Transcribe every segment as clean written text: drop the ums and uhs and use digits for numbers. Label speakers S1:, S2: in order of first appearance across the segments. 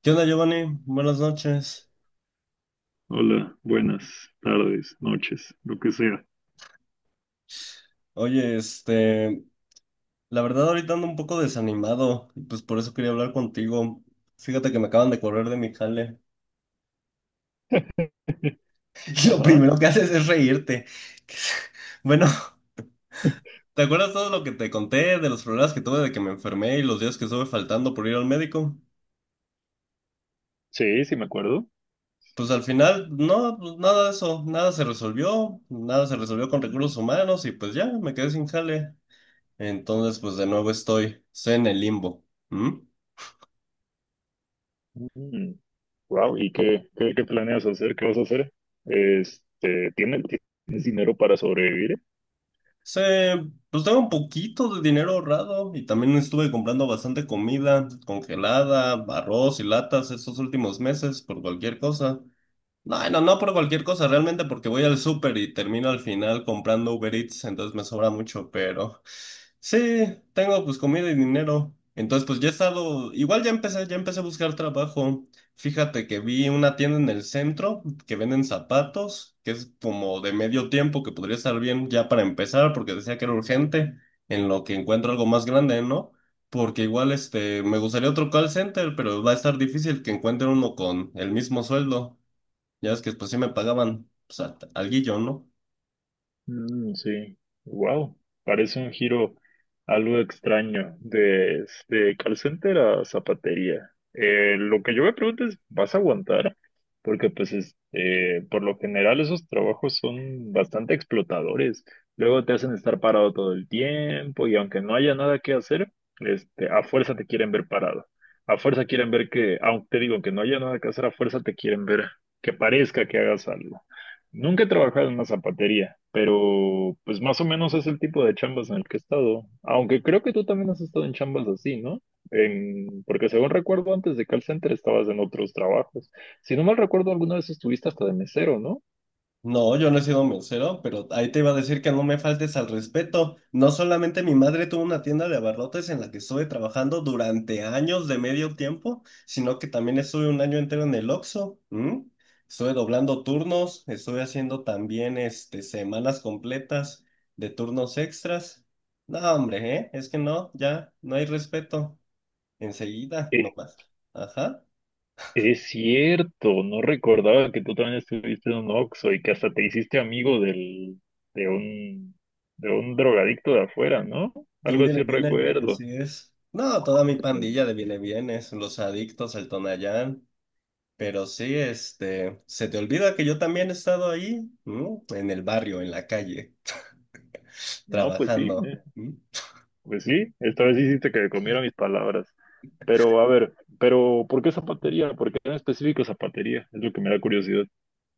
S1: ¿Qué onda, Giovanni? Buenas noches.
S2: Hola, buenas tardes, noches, lo que sea.
S1: Oye, la verdad ahorita ando un poco desanimado y pues por eso quería hablar contigo. Fíjate que me acaban de correr de mi jale. Y lo
S2: Ajá,
S1: primero que haces es reírte. Bueno, ¿te acuerdas todo lo que te conté de los problemas que tuve de que me enfermé y los días que estuve faltando por ir al médico?
S2: sí, me acuerdo.
S1: Pues al final, no, pues, nada de eso, nada se resolvió, nada se resolvió con recursos humanos y pues ya, me quedé sin jale. Entonces, pues de nuevo estoy en el limbo. ¿Mm?
S2: Mm, wow, ¿y qué planeas hacer? ¿Qué vas a hacer? Este, ¿tienes, tienes dinero para sobrevivir?
S1: Se, pues tengo un poquito de dinero ahorrado y también estuve comprando bastante comida congelada, arroz y latas estos últimos meses por cualquier cosa. No, no, no por cualquier cosa, realmente porque voy al súper y termino al final comprando Uber Eats, entonces me sobra mucho, pero sí, tengo pues comida y dinero. Entonces pues ya he estado, igual ya empecé a buscar trabajo. Fíjate que vi una tienda en el centro que venden zapatos, que es como de medio tiempo, que podría estar bien ya para empezar, porque decía que era urgente, en lo que encuentro algo más grande, ¿no? Porque igual me gustaría otro call center, pero va a estar difícil que encuentre uno con el mismo sueldo. Ya es que después sí me pagaban, pues, alguillo, ¿no?
S2: Sí, wow, parece un giro algo extraño de call center a zapatería. Lo que yo me pregunto es, ¿vas a aguantar? Porque pues por lo general esos trabajos son bastante explotadores. Luego te hacen estar parado todo el tiempo y aunque no haya nada que hacer, a fuerza te quieren ver parado. A fuerza quieren ver que, aunque te digo que no haya nada que hacer, a fuerza te quieren ver que parezca que hagas algo. Nunca he trabajado en una zapatería, pero pues más o menos es el tipo de chambas en el que he estado. Aunque creo que tú también has estado en chambas así, ¿no? Porque según recuerdo, antes de call center estabas en otros trabajos. Si no mal recuerdo, alguna vez estuviste hasta de mesero, ¿no?
S1: No, yo no he sido mesero, pero ahí te iba a decir que no me faltes al respeto. No solamente mi madre tuvo una tienda de abarrotes en la que estuve trabajando durante años de medio tiempo, sino que también estuve un año entero en el Oxxo. ¿M? Estuve doblando turnos, estuve haciendo también semanas completas de turnos extras. No, hombre, ¿eh? Es que no, ya, no hay respeto. Enseguida,
S2: Eh,
S1: nomás. Ajá.
S2: es cierto, no recordaba que tú también estuviste en un Oxxo y que hasta te hiciste amigo de un, de un drogadicto de afuera, ¿no?
S1: De un
S2: Algo
S1: viene,
S2: así
S1: viene,
S2: recuerdo.
S1: así es. No, toda mi pandilla de viene, vienes, los adictos, el Tonayán. Pero sí, se te olvida que yo también he estado ahí, ¿no? En el barrio, en la calle,
S2: No, pues sí.
S1: trabajando. ¿Mm?
S2: Pues sí, esta vez hiciste que comiera mis palabras. Pero a ver, pero ¿por qué zapatería? ¿Por qué en específico zapatería? Es lo que me da curiosidad.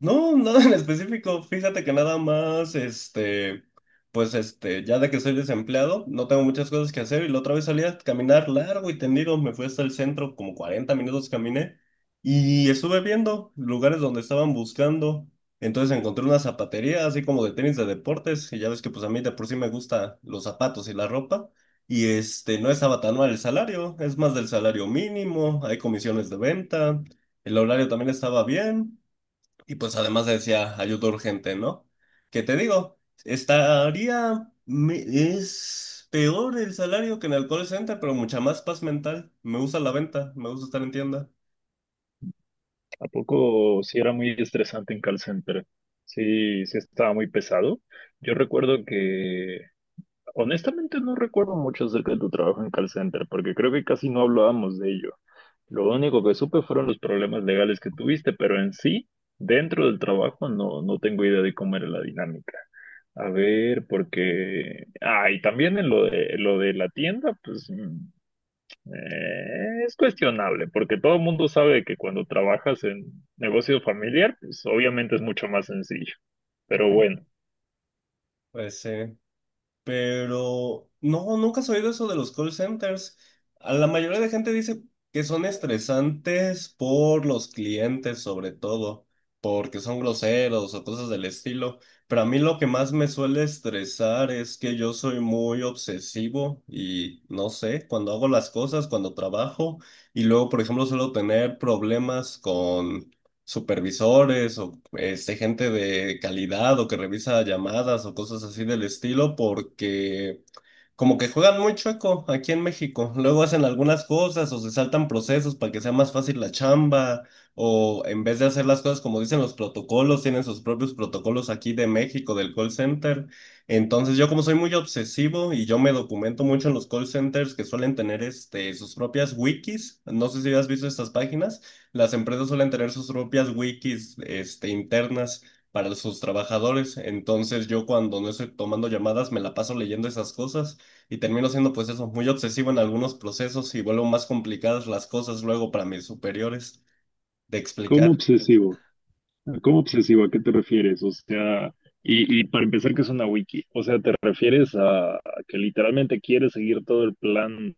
S1: No, nada en específico. Fíjate que nada más, ya de que soy desempleado, no tengo muchas cosas que hacer y la otra vez salí a caminar largo y tendido, me fui hasta el centro, como 40 minutos caminé y estuve viendo lugares donde estaban buscando. Entonces encontré una zapatería así como de tenis de deportes y ya ves que pues a mí de por sí me gusta los zapatos y la ropa y no estaba tan mal el salario, es más del salario mínimo, hay comisiones de venta, el horario también estaba bien. Y pues además decía ayuda urgente, ¿no? Que te digo, estaría, es peor el salario que en el call center, pero mucha más paz mental. Me gusta la venta, me gusta estar en tienda.
S2: ¿A poco sí era muy estresante en call center? Sí, estaba muy pesado. Yo recuerdo que, honestamente no recuerdo mucho acerca de tu trabajo en call center, porque creo que casi no hablábamos de ello. Lo único que supe fueron los problemas legales que tuviste, pero en sí, dentro del trabajo, no tengo idea de cómo era la dinámica. A ver, porque... Ah, y también en lo lo de la tienda, pues es cuestionable, porque todo el mundo sabe que cuando trabajas en negocio familiar, pues obviamente es mucho más sencillo. Pero bueno,
S1: Pues sí. Pero no, nunca has oído eso de los call centers. A la mayoría de gente dice que son estresantes por los clientes, sobre todo, porque son groseros o cosas del estilo. Pero a mí lo que más me suele estresar es que yo soy muy obsesivo y no sé, cuando hago las cosas, cuando trabajo, y luego, por ejemplo, suelo tener problemas con supervisores o gente de calidad o que revisa llamadas o cosas así del estilo, porque como que juegan muy chueco aquí en México. Luego hacen algunas cosas o se saltan procesos para que sea más fácil la chamba o en vez de hacer las cosas como dicen los protocolos, tienen sus propios protocolos aquí de México, del call center. Entonces yo como soy muy obsesivo y yo me documento mucho en los call centers que suelen tener sus propias wikis. No sé si has visto estas páginas. Las empresas suelen tener sus propias wikis internas para sus trabajadores. Entonces yo cuando no estoy tomando llamadas me la paso leyendo esas cosas y termino siendo pues eso, muy obsesivo en algunos procesos y vuelvo más complicadas las cosas luego para mis superiores de explicar.
S2: ¿cómo obsesivo? ¿Cómo obsesivo? ¿A qué te refieres? O sea, y para empezar, ¿qué es una wiki? O sea, ¿te refieres a que literalmente quieres seguir todo el plan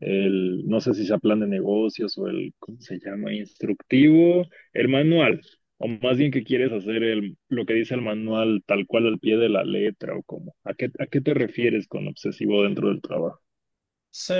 S2: no sé si sea plan de negocios o el, ¿cómo se llama? Instructivo, el manual, o más bien que quieres hacer el, lo que dice el manual tal cual al pie de la letra o cómo. A qué te refieres con obsesivo dentro del trabajo?
S1: Sí,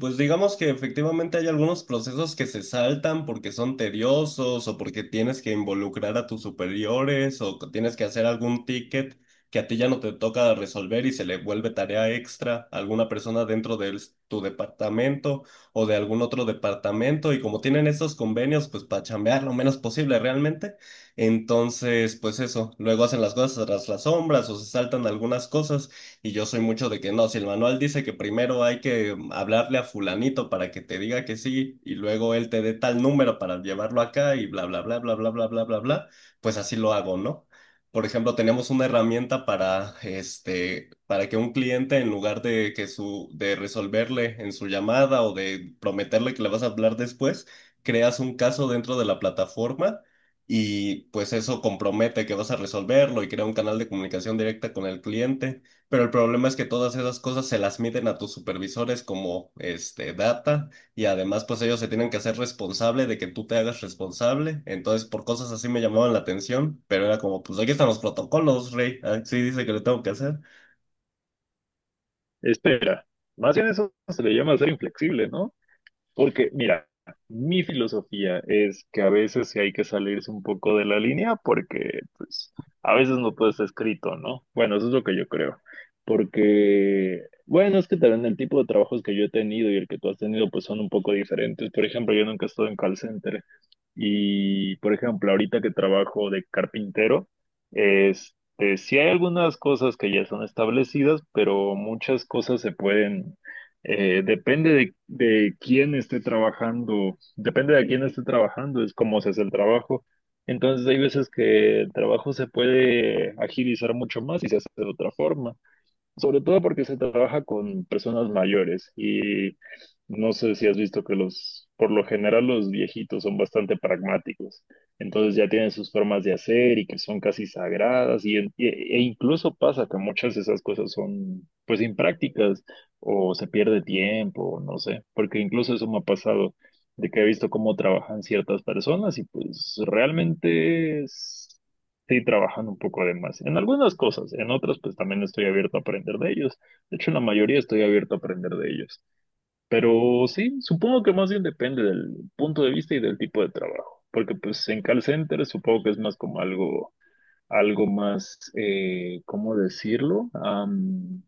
S1: pues digamos que efectivamente hay algunos procesos que se saltan porque son tediosos o porque tienes que involucrar a tus superiores o que tienes que hacer algún ticket que a ti ya no te toca resolver y se le vuelve tarea extra a alguna persona dentro tu departamento o de algún otro departamento y como tienen estos convenios, pues para chambear lo menos posible realmente, entonces pues eso, luego hacen las cosas tras las sombras o se saltan algunas cosas. Y yo soy mucho de que no, si el manual dice que primero hay que hablarle a fulanito para que te diga que sí y luego él te dé tal número para llevarlo acá y bla, bla, bla, bla, bla, bla, bla, bla, bla, pues así lo hago, ¿no? Por ejemplo, tenemos una herramienta para, para que un cliente, en lugar de, que su, de resolverle en su llamada o de prometerle que le vas a hablar después, creas un caso dentro de la plataforma y pues eso compromete que vas a resolverlo y crea un canal de comunicación directa con el cliente. Pero el problema es que todas esas cosas se las miden a tus supervisores como data y además pues ellos se tienen que hacer responsable de que tú te hagas responsable. Entonces por cosas así me llamaban la atención, pero era como pues aquí están los protocolos, Rey, así dice que lo tengo que hacer.
S2: Espera, más bien eso se le llama ser inflexible, ¿no? Porque, mira, mi filosofía es que a veces sí hay que salirse un poco de la línea porque, pues, a veces no todo está escrito, ¿no? Bueno, eso es lo que yo creo. Porque, bueno, es que también el tipo de trabajos que yo he tenido y el que tú has tenido, pues, son un poco diferentes. Por ejemplo, yo nunca he estado en call center. Y, por ejemplo, ahorita que trabajo de carpintero, sí hay algunas cosas que ya son establecidas, pero muchas cosas se pueden depende de quién esté trabajando, depende de quién esté trabajando, es cómo se hace el trabajo. Entonces hay veces que el trabajo se puede agilizar mucho más y se hace de otra forma. Sobre todo porque se trabaja con personas mayores y no sé si has visto que los, por lo general los viejitos son bastante pragmáticos, entonces ya tienen sus formas de hacer y que son casi sagradas , e e incluso pasa que muchas de esas cosas son pues imprácticas o se pierde tiempo, no sé, porque incluso eso me ha pasado de que he visto cómo trabajan ciertas personas y pues realmente sí trabajan un poco de más. En algunas cosas, en otras pues también estoy abierto a aprender de ellos. De hecho, en la mayoría estoy abierto a aprender de ellos. Pero sí, supongo que más bien depende del punto de vista y del tipo de trabajo. Porque pues en call center supongo que es más como algo, algo más, ¿cómo decirlo?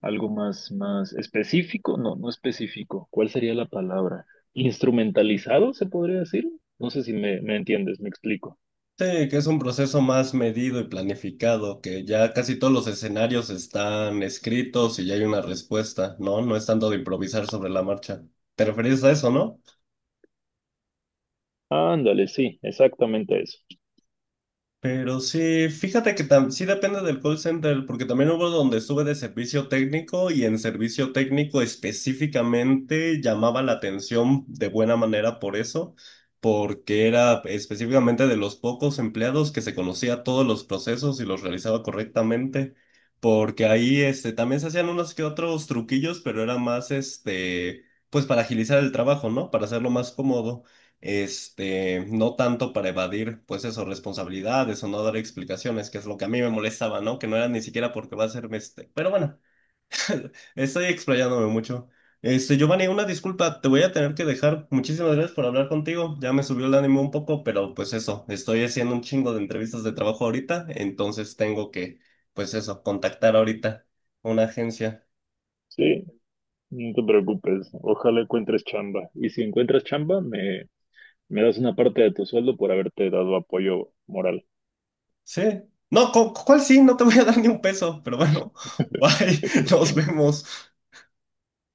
S2: Algo más, más específico. No, no específico. ¿Cuál sería la palabra? Instrumentalizado, se podría decir. No sé si me entiendes, me explico.
S1: Sí, que es un proceso más medido y planificado, que ya casi todos los escenarios están escritos y ya hay una respuesta, ¿no? No es tanto de improvisar sobre la marcha. ¿Te referís a eso, no?
S2: Ándale, sí, exactamente eso.
S1: Pero sí, fíjate que sí depende del call center, porque también hubo donde estuve de servicio técnico y en servicio técnico específicamente llamaba la atención de buena manera por eso, porque era específicamente de los pocos empleados que se conocía todos los procesos y los realizaba correctamente, porque ahí también se hacían unos que otros truquillos, pero era más pues para agilizar el trabajo, ¿no? Para hacerlo más cómodo no tanto para evadir, pues eso, responsabilidades o no dar explicaciones, que es lo que a mí me molestaba, ¿no? Que no era ni siquiera porque va a ser Pero bueno, estoy explayándome mucho. Giovanni, una disculpa, te voy a tener que dejar. Muchísimas gracias por hablar contigo. Ya me subió el ánimo un poco, pero pues eso, estoy haciendo un chingo de entrevistas de trabajo ahorita, entonces tengo que, pues eso, contactar ahorita una agencia.
S2: Sí, no te preocupes. Ojalá encuentres chamba. Y si encuentras chamba, me das una parte de tu sueldo por haberte dado apoyo moral.
S1: Sí. No, ¿cuál sí? No te voy a dar ni un peso, pero bueno, bye, nos vemos.